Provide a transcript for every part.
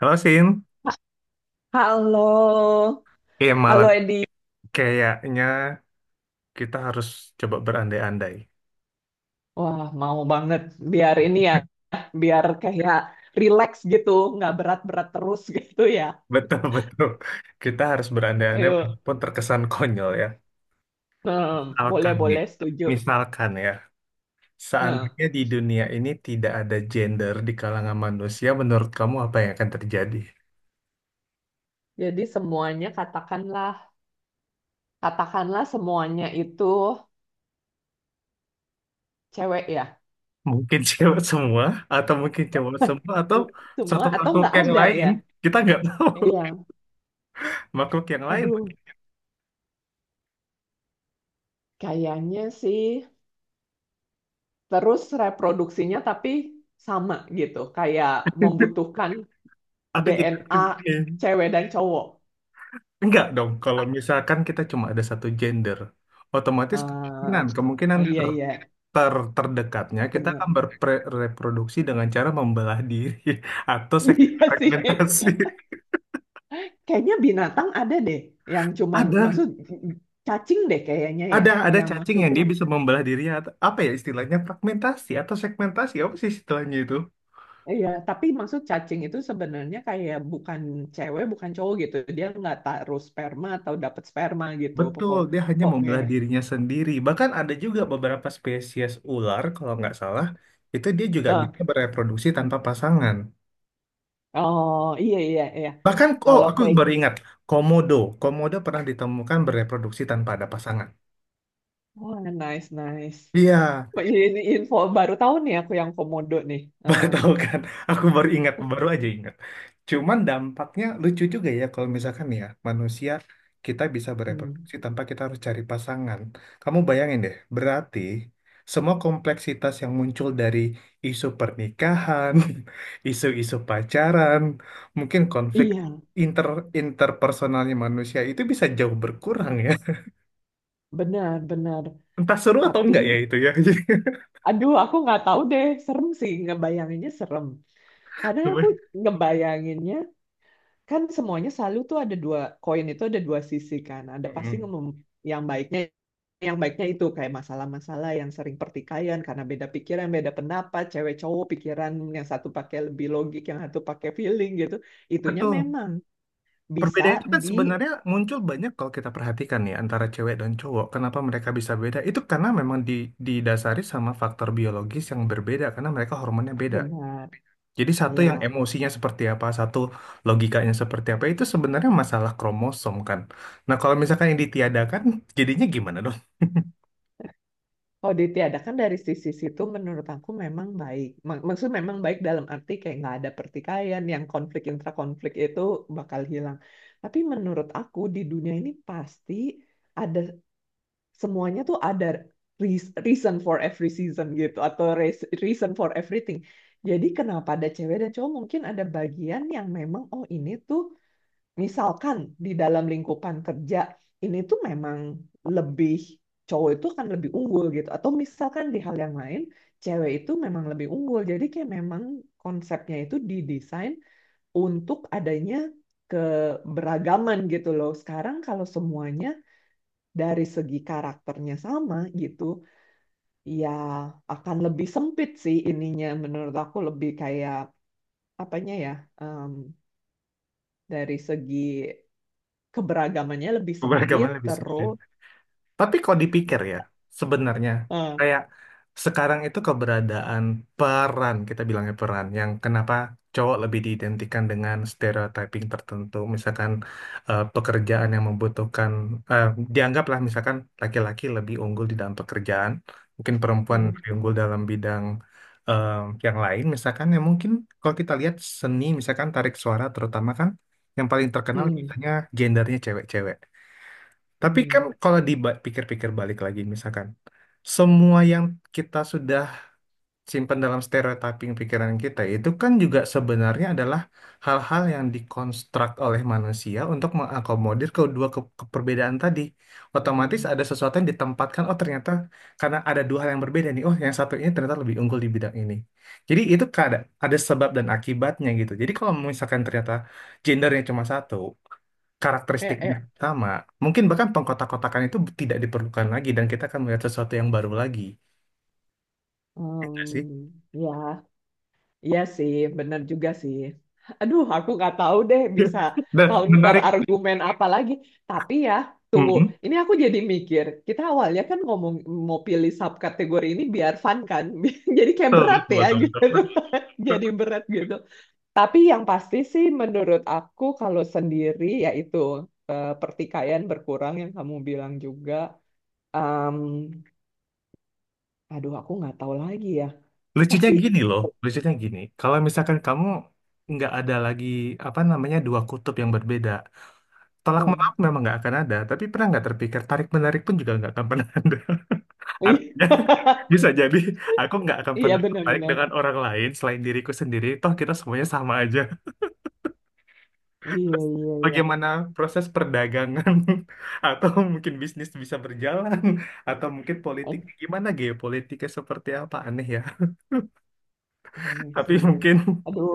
Halo Sin, Halo. eh, malam. Halo, Edi. Kayaknya kita harus coba berandai-andai. Wah, mau banget biar ini ya, biar kayak relax gitu, nggak berat-berat terus gitu ya. Betul, betul. Kita harus berandai-andai Ayo. pun terkesan konyol ya. Hmm, Misalkan nih, Boleh-boleh, setuju. misalkan ya, Hmm, seandainya di dunia ini tidak ada gender di kalangan manusia, menurut kamu apa yang akan terjadi? Jadi semuanya katakanlah semuanya itu cewek ya. Mungkin cewek semua, atau mungkin cowok semua, atau Semua satu atau makhluk nggak yang ada lain, ya? kita nggak tahu. Iya. Makhluk yang lain, Aduh, kayaknya sih terus reproduksinya tapi sama gitu, kayak membutuhkan aku jadi DNA gini. cewek dan cowok. Enggak dong, kalau misalkan kita cuma ada satu gender, otomatis kemungkinan Ah, kemungkinan oh iya ter, iya, terdekatnya kita benar. akan berreproduksi dengan cara membelah diri atau Iya sih. segmentasi. Kayaknya binatang ada deh yang cuman Ada, maksud cacing deh kayaknya ya, ada, yang cacing yang maksudnya dia bisa membelah diri, atau apa ya istilahnya, fragmentasi atau segmentasi, apa sih istilahnya itu? iya, tapi maksud cacing itu sebenarnya kayak bukan cewek, bukan cowok gitu. Dia nggak taruh sperma atau dapat sperma gitu. Betul, Pokok dia hanya pokoknya. membelah dirinya sendiri. Bahkan ada juga beberapa spesies ular kalau nggak salah itu dia juga Nah, bisa bereproduksi tanpa pasangan. oh iya iya iya. Bahkan, oh Kalau aku kayak, baru ingat, komodo. Komodo pernah ditemukan bereproduksi tanpa ada pasangan. oh, nice nice. Iya, Ini info baru tahu nih aku, yang komodo nih. Eh. baru tahu kan. Aku baru ingat, baru aja ingat. Cuman dampaknya lucu juga ya kalau misalkan ya manusia kita bisa Hmm, bereproduksi tanpa kita harus cari pasangan. Kamu bayangin deh, berarti semua kompleksitas yang muncul dari isu pernikahan, isu-isu pacaran, mungkin konflik iya, inter interpersonalnya manusia itu bisa jauh berkurang ya. benar-benar. Entah seru atau Tapi, enggak ya itu ya. Jadi, aduh, aku nggak tahu deh. Serem sih, ngebayanginnya serem. Karena aku ngebayanginnya, kan semuanya selalu tuh ada dua, koin itu ada dua sisi kan. Ada pasti Mm-mm. Yang baiknya, yang baiknya itu kayak masalah-masalah yang sering pertikaian karena beda pikiran, beda pendapat, cewek cowok pikiran yang satu pakai lebih logik, yang satu pakai feeling gitu. Itunya Betul. memang bisa Perbedaan itu kan sebenarnya muncul banyak kalau kita perhatikan ya, antara cewek dan cowok. Kenapa mereka bisa beda? Itu karena memang didasari sama faktor biologis yang berbeda karena mereka hormonnya beda. dibenar. Jadi satu yang Ya, emosinya seperti apa, satu logikanya seperti apa, itu sebenarnya masalah kromosom kan. Nah kalau misalkan yang ditiadakan, jadinya gimana dong? kalau ditiadakan dari sisi situ menurut aku memang baik. Maksud memang baik dalam arti kayak nggak ada pertikaian yang konflik intrakonflik itu bakal hilang. Tapi menurut aku di dunia ini pasti ada, semuanya tuh ada reason for every season gitu atau reason for everything. Jadi kenapa ada cewek dan cowok mungkin ada bagian yang memang, oh ini tuh misalkan di dalam lingkupan kerja ini tuh memang lebih, cowok itu kan lebih unggul gitu atau misalkan di hal yang lain cewek itu memang lebih unggul. Jadi kayak memang konsepnya itu didesain untuk adanya keberagaman gitu loh. Sekarang kalau semuanya dari segi karakternya sama gitu ya akan lebih sempit sih ininya. Menurut aku lebih kayak apanya ya, em, dari segi keberagamannya lebih sempit Bagaimana lebih sulit? terus. Tapi kalau dipikir ya, sebenarnya eh, kayak sekarang itu keberadaan peran, kita bilangnya peran, yang kenapa cowok lebih diidentikan dengan stereotyping tertentu, misalkan pekerjaan yang membutuhkan, eh, dianggaplah misalkan laki-laki lebih unggul di dalam pekerjaan, mungkin perempuan hmm. lebih unggul dalam bidang eh, yang lain, misalkan ya mungkin kalau kita lihat seni, misalkan tarik suara terutama kan, yang paling terkenal Hmm. biasanya gendernya cewek-cewek. Tapi kan Hmm. kalau dipikir-pikir balik lagi, misalkan semua yang kita sudah simpan dalam stereotyping pikiran kita itu kan juga sebenarnya adalah hal-hal yang dikonstruk oleh manusia untuk mengakomodir kedua keperbedaan tadi. Otomatis ada Hmm. sesuatu yang ditempatkan, oh ternyata karena ada dua hal yang berbeda nih, oh yang satu ini ternyata lebih unggul di bidang ini. Jadi itu ada sebab dan akibatnya gitu. Jadi kalau misalkan ternyata gendernya cuma satu, Kayak, karakteristik kayak, sama. Mungkin bahkan pengkotak-kotakan itu tidak diperlukan lagi dan kita akan melihat sesuatu yang baru lagi. Ya nggak sih? hmm, ya, iya sih, bener juga sih. Aduh, aku nggak tahu deh bisa Dan counter menarik. argumen apa lagi. Tapi ya, tunggu, Mm-mm. ini aku jadi mikir kita awalnya kan ngomong mau pilih subkategori ini biar fun kan. Jadi kayak Betul, berat betul, ya betul, betul, gitu. betul. Jadi berat gitu. Tapi yang pasti sih menurut aku kalau sendiri yaitu, pertikaian berkurang yang kamu bilang juga. Em, Aduh, aku nggak tahu lagi ya. Lucunya Pasti. gini loh, lucunya gini. Kalau misalkan kamu nggak ada lagi apa namanya dua kutub yang berbeda, tolak menolak eh, memang nggak akan ada. Tapi pernah nggak terpikir, tarik menarik pun juga nggak akan pernah ada. Artinya bisa jadi aku nggak akan iya pernah tertarik benar-benar. dengan orang lain selain diriku sendiri. Toh kita semuanya sama aja. Iya iya iya. Bagaimana proses perdagangan atau mungkin bisnis bisa berjalan, atau mungkin politik, Eh, gimana geopolitiknya seperti apa, aneh ya. aneh Tapi sih. mungkin Aduh.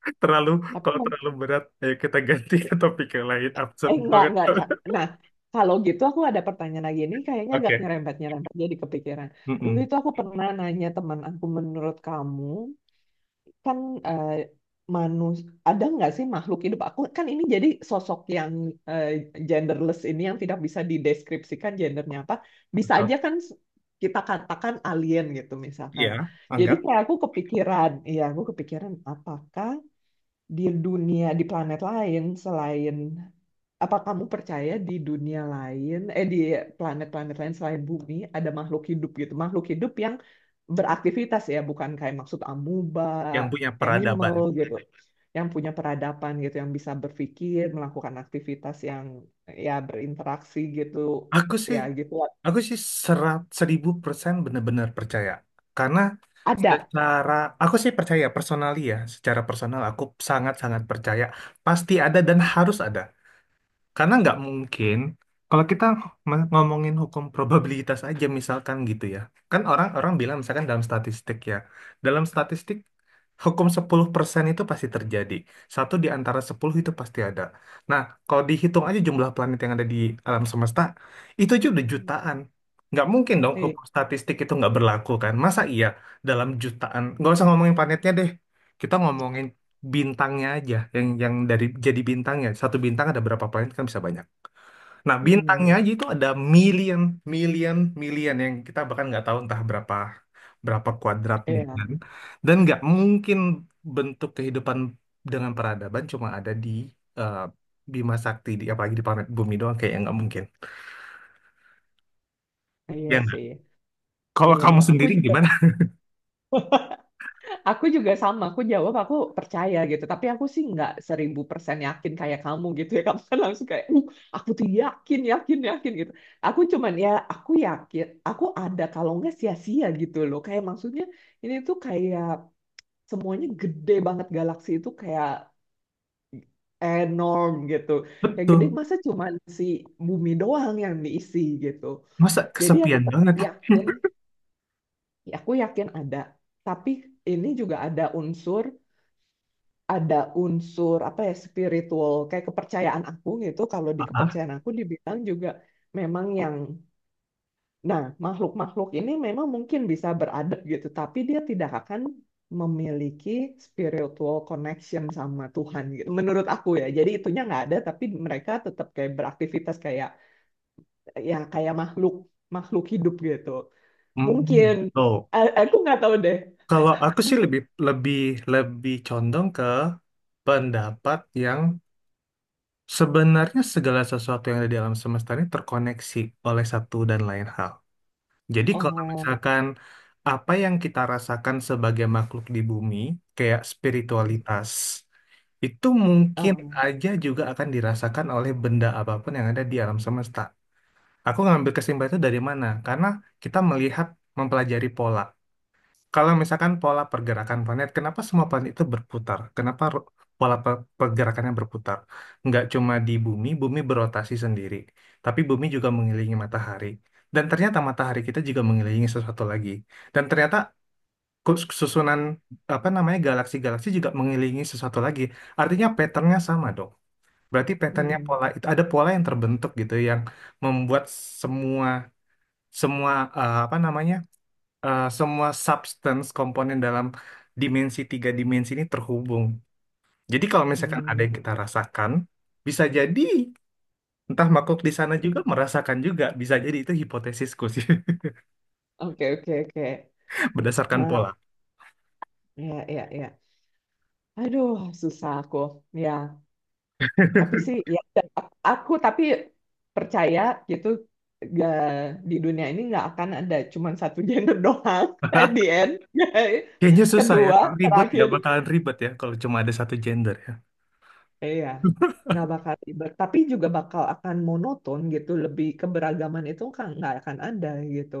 terlalu, Tapi kalau terlalu berat ayo kita ganti ke topik yang lain, absurd eh, nggak banget. nggak. Kak. Nah kalau gitu aku ada pertanyaan lagi, ini kayaknya agak Oke, nyerempet nyerempet jadi kepikiran. Dulu Mm-mm. itu aku pernah nanya teman aku, menurut kamu kan, eh, manus ada nggak sih makhluk hidup, aku kan ini jadi sosok yang eh, genderless, ini yang tidak bisa dideskripsikan gendernya apa, bisa Betul aja kan kita katakan alien gitu misalkan. ya, Jadi anggap kayak aku kepikiran, ya aku kepikiran apakah di dunia, di planet lain selain, apa kamu percaya di dunia lain, eh di planet-planet lain selain bumi, ada makhluk hidup gitu? Makhluk hidup yang beraktivitas ya, bukan kayak maksud amuba, yang punya animal peradaban. gitu. Yang punya peradaban gitu, yang bisa berpikir, melakukan aktivitas yang ya berinteraksi gitu. aku Ya sih gitu. Aku sih serat seribu persen benar-benar percaya. Karena Ada. secara, aku sih percaya personally ya, secara personal aku sangat-sangat percaya. Pasti ada dan harus ada, karena nggak mungkin kalau kita ngomongin hukum probabilitas aja misalkan gitu ya. Kan orang-orang bilang misalkan dalam statistik ya. Dalam statistik, hukum 10% itu pasti terjadi. Satu di antara 10 itu pasti ada. Nah, kalau dihitung aja jumlah planet yang ada di alam semesta, itu aja udah jutaan. Nggak mungkin dong Iya, hukum statistik itu nggak berlaku kan. Masa iya dalam jutaan, nggak usah ngomongin planetnya deh. Kita ngomongin bintangnya aja, yang dari, jadi bintangnya, satu bintang ada berapa planet kan bisa banyak. Nah bintangnya hmm, aja itu ada million million million yang kita bahkan nggak tahu entah berapa berapa kuadrat million. iya, Dan nggak mungkin bentuk kehidupan dengan peradaban cuma ada di eh, Bima Sakti, di apalagi di planet bumi doang, kayak nggak mungkin. Ya iya nggak? sih. Kalau Iya, kamu aku sendiri juga gimana? Aku juga sama, aku jawab aku percaya gitu. Tapi aku sih nggak seribu persen yakin kayak kamu gitu ya. Kamu kan langsung kayak, aku tuh yakin, yakin, yakin gitu. Aku cuman ya, aku yakin, aku ada kalau nggak sia-sia gitu loh. Kayak maksudnya ini tuh kayak semuanya gede banget, galaksi itu kayak enorm gitu. Yang gede Betul, masa cuman si bumi doang yang diisi gitu. masa Jadi aku kesepian tetap banget. yakin, ya aku yakin ada. Tapi ini juga ada unsur apa ya spiritual, kayak kepercayaan aku gitu. Kalau di Ah, kepercayaan aku dibilang juga memang yang, nah makhluk-makhluk ini memang mungkin bisa beradab gitu tapi dia tidak akan memiliki spiritual connection sama Tuhan gitu menurut aku ya. Jadi itunya nggak ada tapi mereka tetap kayak beraktivitas kayak ya kayak makhluk makhluk hidup gitu hmm, mungkin. tuh. Aku nggak tahu deh. Kalau aku sih lebih lebih lebih condong pendapat yang sebenarnya segala sesuatu yang ada di alam semesta ini terkoneksi oleh satu dan lain hal. Jadi kalau Oh. misalkan apa yang kita rasakan sebagai makhluk di bumi, kayak spiritualitas, itu mungkin um, aja juga akan dirasakan oleh benda apapun yang ada di alam semesta. Aku ngambil kesimpulan itu dari mana? Karena kita melihat, mempelajari pola. Kalau misalkan pola pergerakan planet, kenapa semua planet itu berputar? Kenapa pola pergerakannya berputar? Nggak cuma di bumi, bumi berotasi sendiri, tapi bumi juga mengelilingi matahari. Dan ternyata matahari kita juga mengelilingi sesuatu lagi. Dan ternyata susunan, apa namanya, galaksi-galaksi juga mengelilingi sesuatu lagi. Artinya patternnya sama dong. Berarti patternnya, hmm. pola itu, ada pola yang terbentuk gitu yang membuat semua semua apa namanya, semua substance komponen dalam tiga dimensi ini terhubung. Jadi kalau misalkan ada Hmm. yang kita rasakan, bisa jadi entah makhluk di sana juga merasakan juga. Bisa jadi itu hipotesisku sih, Oke, oke, oke. berdasarkan Ah, pola. ya, ya, ya. Aduh, susah aku. Ya, tapi sih, ya, dan aku tapi percaya gitu, gak, di dunia ini nggak akan ada cuman satu gender doang. At the end. Kayaknya susah ya, Kedua, kalau ribet ya terakhir. bakalan ribet ya kalau cuma ada satu gender ya. Iya, nggak bakal ribet. Tapi juga bakal akan monoton gitu, lebih keberagaman itu kan nggak akan ada gitu.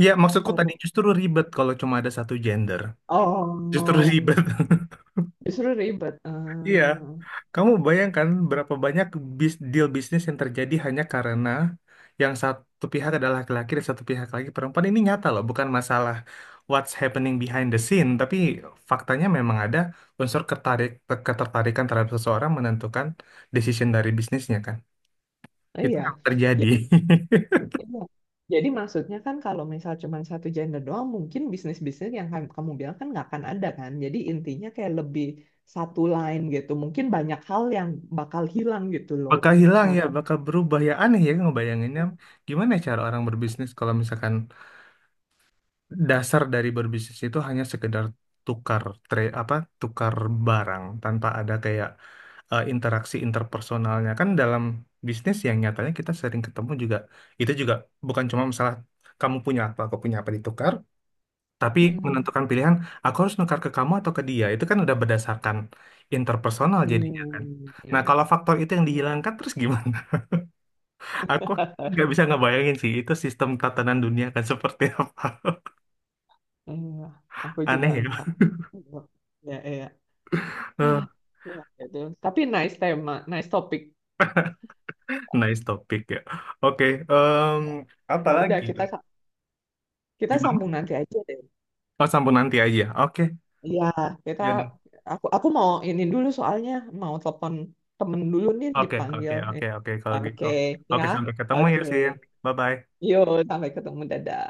Iya, maksudku tadi Terus, justru ribet kalau cuma ada satu gender. Justru oh, ribet. justru ribet. Iya. Ah, Kamu bayangkan berapa banyak deal bisnis yang terjadi hanya karena yang satu pihak adalah laki-laki dan satu pihak lagi perempuan. Ini nyata loh, bukan masalah what's happening behind the scene, tapi faktanya memang ada unsur ketertarikan terhadap seseorang menentukan decision dari bisnisnya kan. Itu yang iya. terjadi. Iya. Jadi maksudnya kan kalau misal cuma satu gender doang, mungkin bisnis-bisnis yang kamu bilang kan nggak akan ada kan. Jadi intinya kayak lebih satu line gitu. Mungkin banyak hal yang bakal hilang gitu loh. Bakal hilang ya, Karena. bakal berubah ya. Aneh ya ngebayanginnya. Gimana cara orang berbisnis kalau misalkan dasar dari berbisnis itu hanya sekedar tukar, trade apa, tukar barang, tanpa ada kayak interaksi interpersonalnya kan, dalam bisnis yang nyatanya kita sering ketemu juga, itu juga bukan cuma masalah kamu punya apa aku punya apa ditukar, tapi Hmm. menentukan pilihan aku harus nukar ke kamu atau ke dia, itu kan udah berdasarkan interpersonal jadinya kan. Hmm. Nah kalau faktor itu yang dihilangkan terus gimana? Aku nggak bisa ngebayangin sih itu sistem tatanan dunia kan seperti apa. Iya, aku juga Aneh ya. enggak. Ya, iya. Ya, gitu. Tapi nice tema, nice topik. Nice topik ya. Oke, em, apa Ya udah, lagi? kita kita Gimana? sambung nanti aja deh. Oh, sambung nanti aja. Oke, Iya, kita ya udah. aku mau ini dulu soalnya mau telepon temen dulu nih, Oke, oke, dipanggil nih. oke, oke. Kalau gitu. Oke, ya. Oke, sampai ketemu ya Oke. sih. Bye-bye. Yuk, sampai ketemu. Dadah.